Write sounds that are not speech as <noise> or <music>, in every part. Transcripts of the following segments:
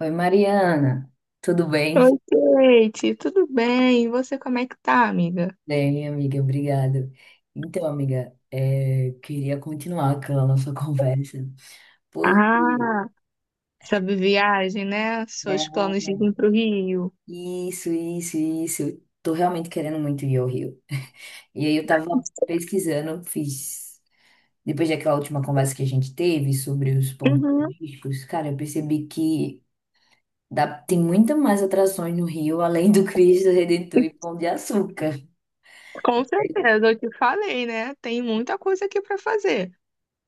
Oi, Mariana, tudo bem? Oi, Kate, tudo bem? E você, como é que tá, amiga? Bem, minha amiga, obrigado. Então, amiga, queria continuar aquela nossa <laughs> conversa, porque, Ah, sabe viagem, né? Seus planos de né, vir pro Rio. isso, eu tô realmente querendo muito ir ao Rio. <laughs> E aí eu tava pesquisando, fiz, depois daquela última conversa que a gente teve sobre os pontos Uhum, turísticos, cara, eu percebi que tem muita mais atrações no Rio, além do Cristo Redentor e Pão de Açúcar. com certeza, eu te falei, né? Tem muita coisa aqui pra fazer.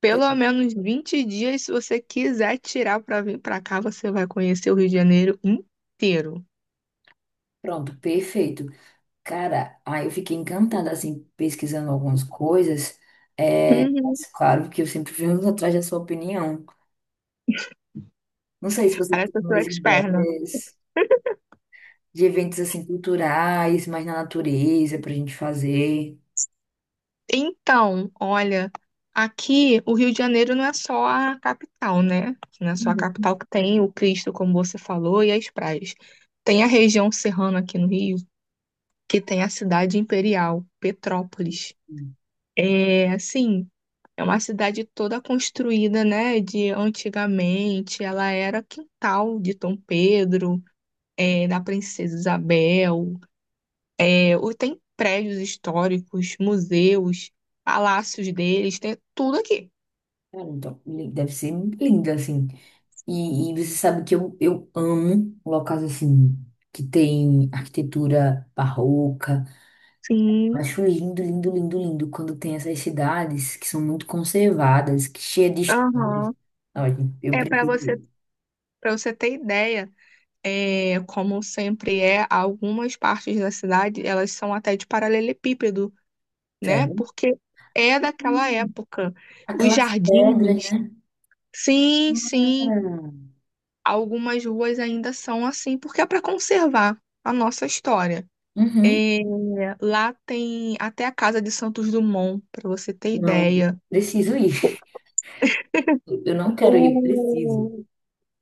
Pelo menos 20 dias, se você quiser tirar pra vir pra cá, você vai conhecer o Rio de Janeiro inteiro. Pronto, perfeito. Cara, aí eu fiquei encantada, assim, pesquisando algumas coisas. É, Uhum. mas claro que eu sempre venho <laughs> atrás da sua opinião. Não sei se você Parece tem que eu sou mais expert, né? ideias de eventos, assim, culturais, mais na natureza, pra gente fazer. Então, olha, aqui o Rio de Janeiro não é só a capital, né? Não é só a Uhum. capital que tem o Cristo, como você falou, e as praias. Tem a região serrana aqui no Rio, que tem a cidade imperial, Petrópolis. É, assim, é uma cidade toda construída, né, de antigamente. Ela era quintal de Dom Pedro, da Princesa Isabel. Tem prédios históricos, museus, palácios deles, tem tudo aqui. Cara, então, deve ser lindo, assim. E você sabe que eu amo locais, assim, que tem arquitetura barroca. Sim, Acho lindo, lindo, lindo, lindo quando tem essas cidades que são muito conservadas, que cheia de histórias. aham. Olha, eu É para você, preciso, para você ter ideia, como sempre é, algumas partes da cidade, elas são até de paralelepípedo, né? sério. Porque é daquela Hum, época. Os Aquelas pedras, jardins, né? sim, sim, Cara? algumas ruas ainda são assim, porque é para conservar a nossa história. Uhum. É, lá tem até a Casa de Santos Dumont, para você ter Não, ideia. preciso ir. Eu não quero ir, preciso. O,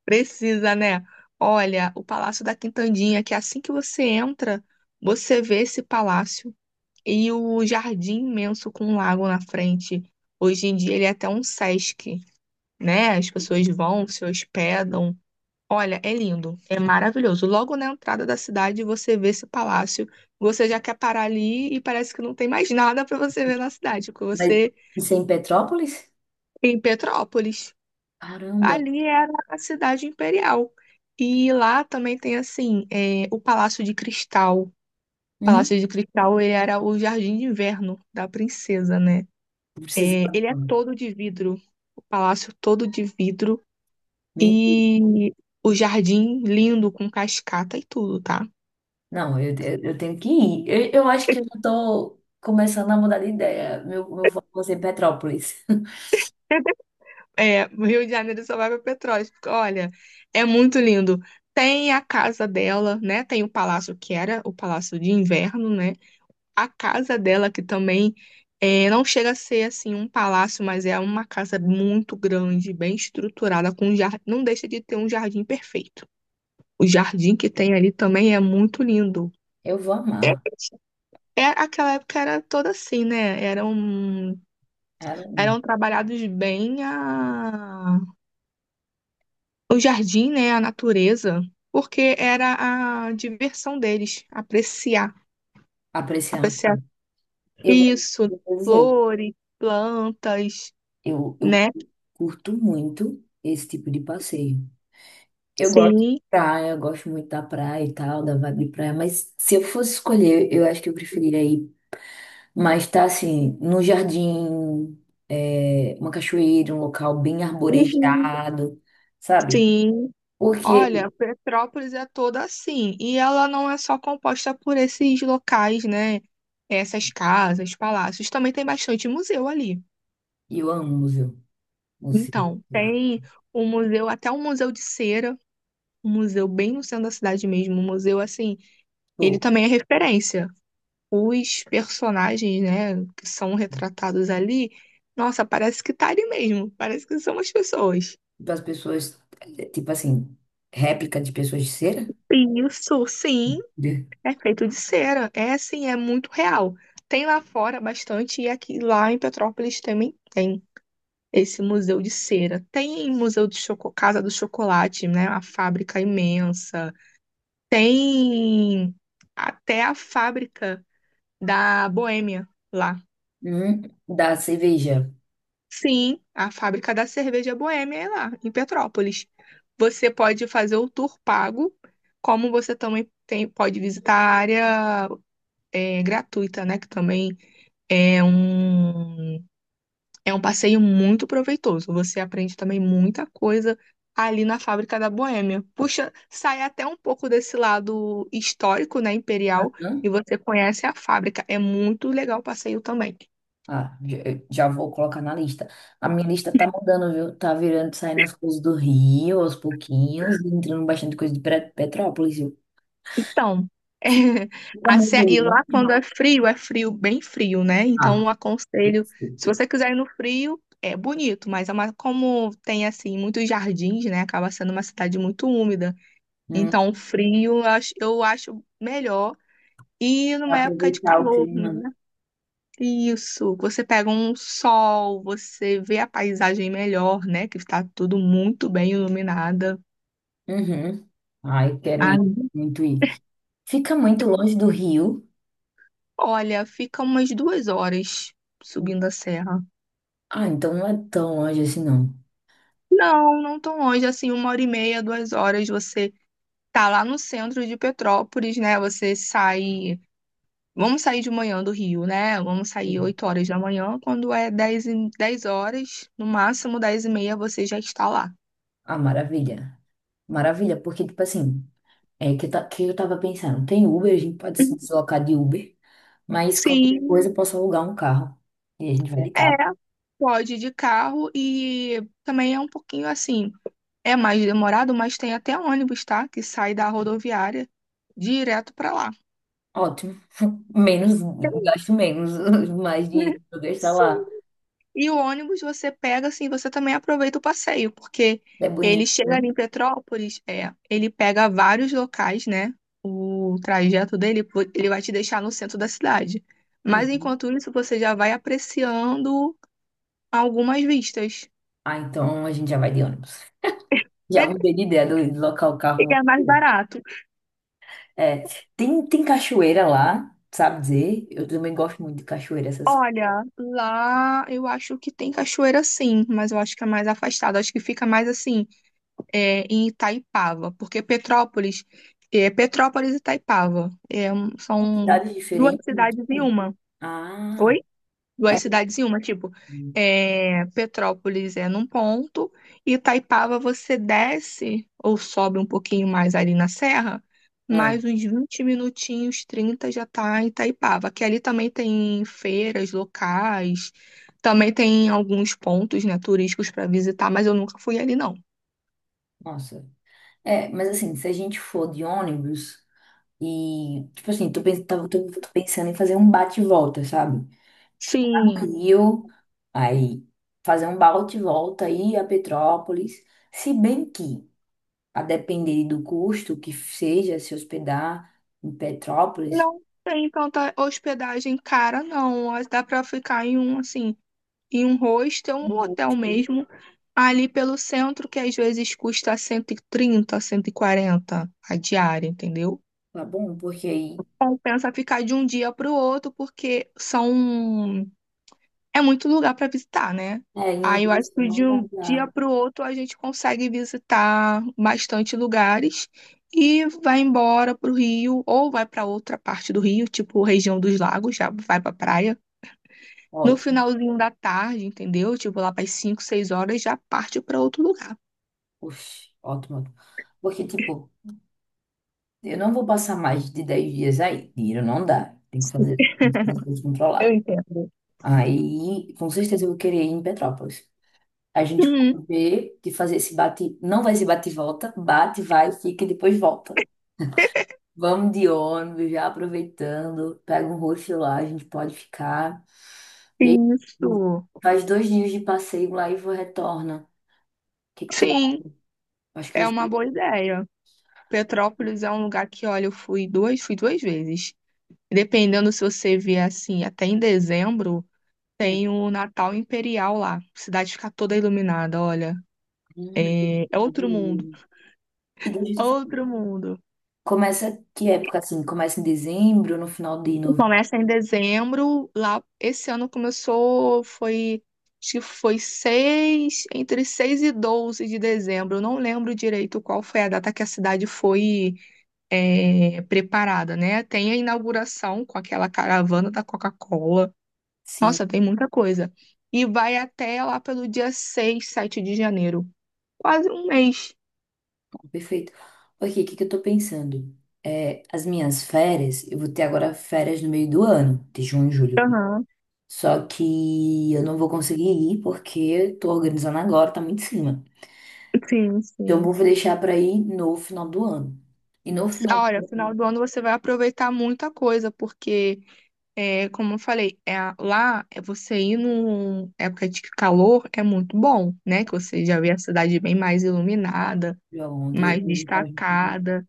Precisa, né? Olha, o Palácio da Quintandinha, que é assim que você entra, você vê esse palácio e o jardim imenso com um lago na frente. Hoje em dia ele é até um Sesc, né? As pessoas vão, se hospedam. Olha, é lindo, é maravilhoso. Logo na entrada da cidade você vê esse palácio, você já quer parar ali e parece que não tem mais nada para você ver na cidade, porque Mas você isso é em Petrópolis? é em Petrópolis. Caramba. Ali era a cidade imperial. E lá também tem, assim, o Palácio de Cristal. O Palácio Hum, de Cristal, ele era o jardim de inverno da princesa, né? eu preciso ir É, ele é agora. todo de vidro, o palácio todo de vidro. Mentira. E o jardim lindo, com cascata e tudo, tá? Não, eu tenho que ir. Eu acho que eu já tô começando a mudar de ideia. Meu foco vai ser Petrópolis. <laughs> É, o Rio de Janeiro só vai pra Petrópolis, porque, olha, é muito lindo. Tem a casa dela, né? Tem o palácio que era o palácio de inverno, né? A casa dela, que também é, não chega a ser assim um palácio, mas é uma casa muito grande, bem estruturada, com um jardim, não deixa de ter um jardim perfeito. O jardim que tem ali também é muito lindo. Eu vou É, amar. é, aquela época era toda assim, né? Caramba. Eram trabalhados o jardim, né? A natureza, porque era a diversão deles, apreciar, Apreciar. apreciar Eu vou isso, eu vou dizer, flores, plantas, eu né? curto muito esse tipo de passeio. Eu gosto de Sim, praia, eu gosto muito da praia e tal, da vibe de praia, mas se eu fosse escolher, eu acho que eu preferiria ir mais tá assim, no jardim, uma cachoeira, um local bem uhum, arborizado, sabe? sim. Porque Olha, Petrópolis é toda assim. E ela não é só composta por esses locais, né? Essas casas, palácios. Também tem bastante museu ali. eu amo museu, museu, Então, né? tem um museu, até um museu de cera, um museu bem no centro da cidade mesmo. Um museu assim, ele Pô, também é referência. Os personagens, né, que são retratados ali, nossa, parece que tá ali mesmo. Parece que são as pessoas. das pessoas, tipo assim, réplica de pessoas de cera. Isso, sim. É feito de cera. É assim, é muito real. Tem lá fora bastante, e aqui lá em Petrópolis também tem esse museu de cera. Tem museu de choco, Casa do Chocolate, né? A fábrica imensa. Tem até a fábrica da Boêmia lá. Hum, Da cerveja. Sim, a fábrica da cerveja Boêmia é lá, em Petrópolis. Você pode fazer o tour pago, como você também pode visitar a área gratuita, né? Que também É um, é um passeio muito proveitoso. Você aprende também muita coisa ali na fábrica da Boêmia. Puxa, sai até um pouco desse lado histórico, né, imperial, e Hum? você conhece a fábrica. É muito legal o passeio também. Ah, já, já vou colocar na lista. A minha lista tá mudando, viu? Tá virando, saindo as coisas do Rio aos pouquinhos, e entrando bastante coisa de Petrópolis, viu? Então, <laughs> é, Fica a muito e lá quando longe. É frio, bem frio, né? Então, Ah, eu aconselho, se perfeito. você quiser ir no frio, é bonito, mas é como tem assim muitos jardins, né? Acaba sendo uma cidade muito úmida. Hum, Então, o frio eu acho melhor. E Pra numa época de aproveitar o calor, clima, né? né? Isso, você pega um sol, você vê a paisagem melhor, né? Que está tudo muito bem iluminada. Uhum. Ah, eu quero ir, Ai, muito ir. Fica muito longe do Rio. olha, fica umas duas horas subindo a serra. Ah, então não é tão longe assim, não. Não, não tão longe, assim, uma hora e meia, duas horas. Você tá lá no centro de Petrópolis, né? Você sai. Vamos sair de manhã do Rio, né? Vamos sair Hum. 8 horas da manhã, quando é 10 horas, no máximo 10 e meia você já está lá. Ah, maravilha. Maravilha, porque, tipo assim. É que, tá, que eu tava pensando, tem Uber, a gente pode se deslocar de Uber, mas qualquer coisa Sim, eu posso alugar um carro. E a gente vai de é. carro. Pode ir de carro e também é um pouquinho assim, é mais demorado, mas tem até ônibus, tá? Que sai da rodoviária direto para lá. Ótimo. <laughs> Menos, gasto menos, <laughs> mais dinheiro <laughs> pra eu gastar Sim. lá. E o ônibus você pega, assim, você também aproveita o passeio, porque É ele bonito, chega né? ali em Petrópolis, é, ele pega vários locais, né? O trajeto dele, pô, ele vai te deixar no centro da cidade. Mas Uhum. enquanto isso, você já vai apreciando algumas vistas. Ah, então a gente já vai de ônibus. <laughs> Já mudei de ideia do deslocar o E carro. é mais barato. É, tem cachoeira lá, sabe dizer? Eu também gosto muito de cachoeira, essas Olha, lá eu acho que tem cachoeira sim, mas eu acho que é mais afastado. Acho que fica mais assim. É, em Itaipava, porque Petrópolis, é, Petrópolis e Itaipava é, são cidades duas diferentes. Muito cidades em bom. uma. Ah, Oi? Duas é. cidades em uma, tipo, Hum, é, Petrópolis é num ponto e Itaipava você desce ou sobe um pouquinho mais ali na serra, é, mais uns 20 minutinhos, 30 já tá em Itaipava, que ali também tem feiras locais, também tem alguns pontos, né, turísticos para visitar, mas eu nunca fui ali não. Nossa. É, mas assim, se a gente for de ônibus e, tipo assim, tô pensando em fazer um bate e volta, sabe? Ficar no Sim, Rio, aí fazer um bate e volta, ir a Petrópolis. Se bem que, a depender do custo que seja se hospedar em Petrópolis, não tem tanta hospedagem cara, não. Mas dá pra ficar em um, assim, em um hostel, um hotel mesmo, ali pelo centro, que às vezes custa cento e 140 a diária, entendeu? tá bom, porque aí, Compensa ficar de um dia pro outro, porque são é muito lugar para visitar, né? Em um Aí eu dia acho assim, que de não vai um dia dar. para o outro a gente consegue visitar bastante lugares e vai embora para o Rio ou vai para outra parte do Rio, tipo região dos lagos, já vai para praia. No Ótimo, finalzinho da tarde, entendeu? Tipo lá para as 5, 6 horas já parte para outro lugar. oxe, ótimo. Ótimo. Porque, tipo, eu não vou passar mais de 10 dias aí. Dinheiro não dá. Tem que fazer tudo Eu controlado. entendo. Aí, com certeza, eu vou querer ir em Petrópolis. A gente Hum, pode ver de fazer esse bate. Não vai ser bate e volta. Bate, vai, fica e depois volta. Vamos de ônibus, já aproveitando. Pega um hostel lá, a gente pode ficar. E aí, isso. faz 2 dias de passeio lá e retorna. O que que tu acha? Sim, Acho que vai é uma boa ser. ideia. Petrópolis é um lugar que, olha, fui duas vezes. E dependendo se você vier assim, até em dezembro, Hum, tem o Natal Imperial lá. A cidade fica toda iluminada, olha. hum. É, é Tá outro mundo, bonito. E deixa eu te outro falar. mundo. Começa que época assim? Começa em dezembro, no final de novembro. Começa em dezembro, lá esse ano começou, foi, acho que foi 6 e 12 de dezembro. Eu não lembro direito qual foi a data que a cidade foi é, preparada, né? Tem a inauguração com aquela caravana da Coca-Cola. Sim, Nossa, tem muita coisa. E vai até lá pelo dia 6, 7 de janeiro. Quase um mês. perfeito. Ok, o que que eu tô pensando? É, as minhas férias, eu vou ter agora férias no meio do ano, de junho e julho. Aham, Só que eu não vou conseguir ir porque eu tô organizando agora, tá muito em cima. sim, Então sim. eu vou deixar pra ir no final do ano. E no final Ah, olha, do final do ano você vai aproveitar muita coisa, porque, é, como eu falei, é, lá é você ir numa época de calor é muito bom, né? Que você já vê a cidade bem mais iluminada, ano, ontem eu ia mais perguntar a gente. destacada.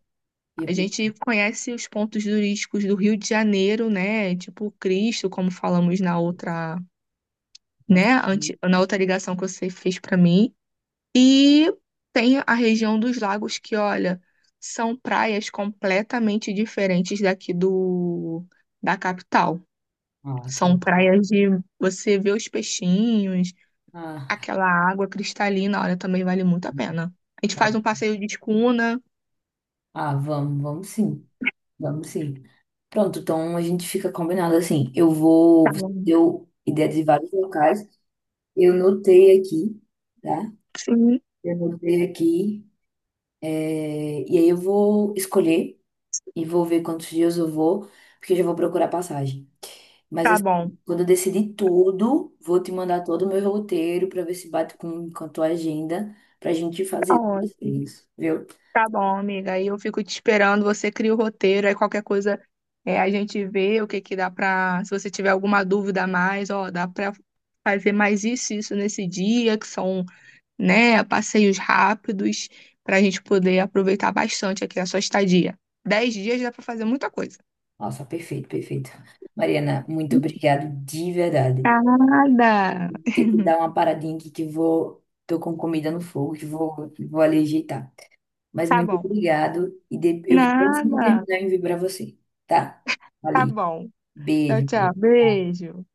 Ia A gente perguntar, conhece os pontos turísticos do Rio de Janeiro, né? Tipo Cristo, como falamos na outra né? Na outra ligação que você fez para mim. E tem a região dos lagos que, olha, são praias completamente diferentes daqui do da capital. ah, São quero. praias de você ver os peixinhos, Ah, aquela água cristalina, olha, também vale muito a pena. A gente faz um passeio de escuna. ah, vamos, vamos sim. Vamos sim. Pronto, então a gente fica combinado assim. Eu Tá vou. Você bom. deu ideia de vários locais. Eu notei aqui, tá? Sim, Eu notei aqui. E aí eu vou escolher e vou ver quantos dias eu vou, porque eu já vou procurar passagem. Mas tá assim, bom. quando eu decidir tudo, vou te mandar todo o meu roteiro para ver se bate com a tua agenda pra gente Tá fazer ótimo. isso, viu? Tá bom, amiga. Aí eu fico te esperando. Você cria o roteiro. Aí qualquer coisa é, a gente vê o que que dá pra. Se você tiver alguma dúvida a mais, ó, dá pra fazer mais isso, e isso nesse dia, que são, né, passeios rápidos, pra gente poder aproveitar bastante aqui a sua estadia. Dez dias dá pra fazer muita coisa. Nossa, perfeito, perfeito. Mariana, muito obrigado de verdade. Nada. Ter que dar uma paradinha aqui que vou, tô com comida no fogo, que vou ali ajeitar. Mas Tá muito bom. obrigado e eu vou sempre Nada. terminar e enviar para você, tá? Tá Ali. bom. Tchau, Beijo. tchau. Tchau. Beijo.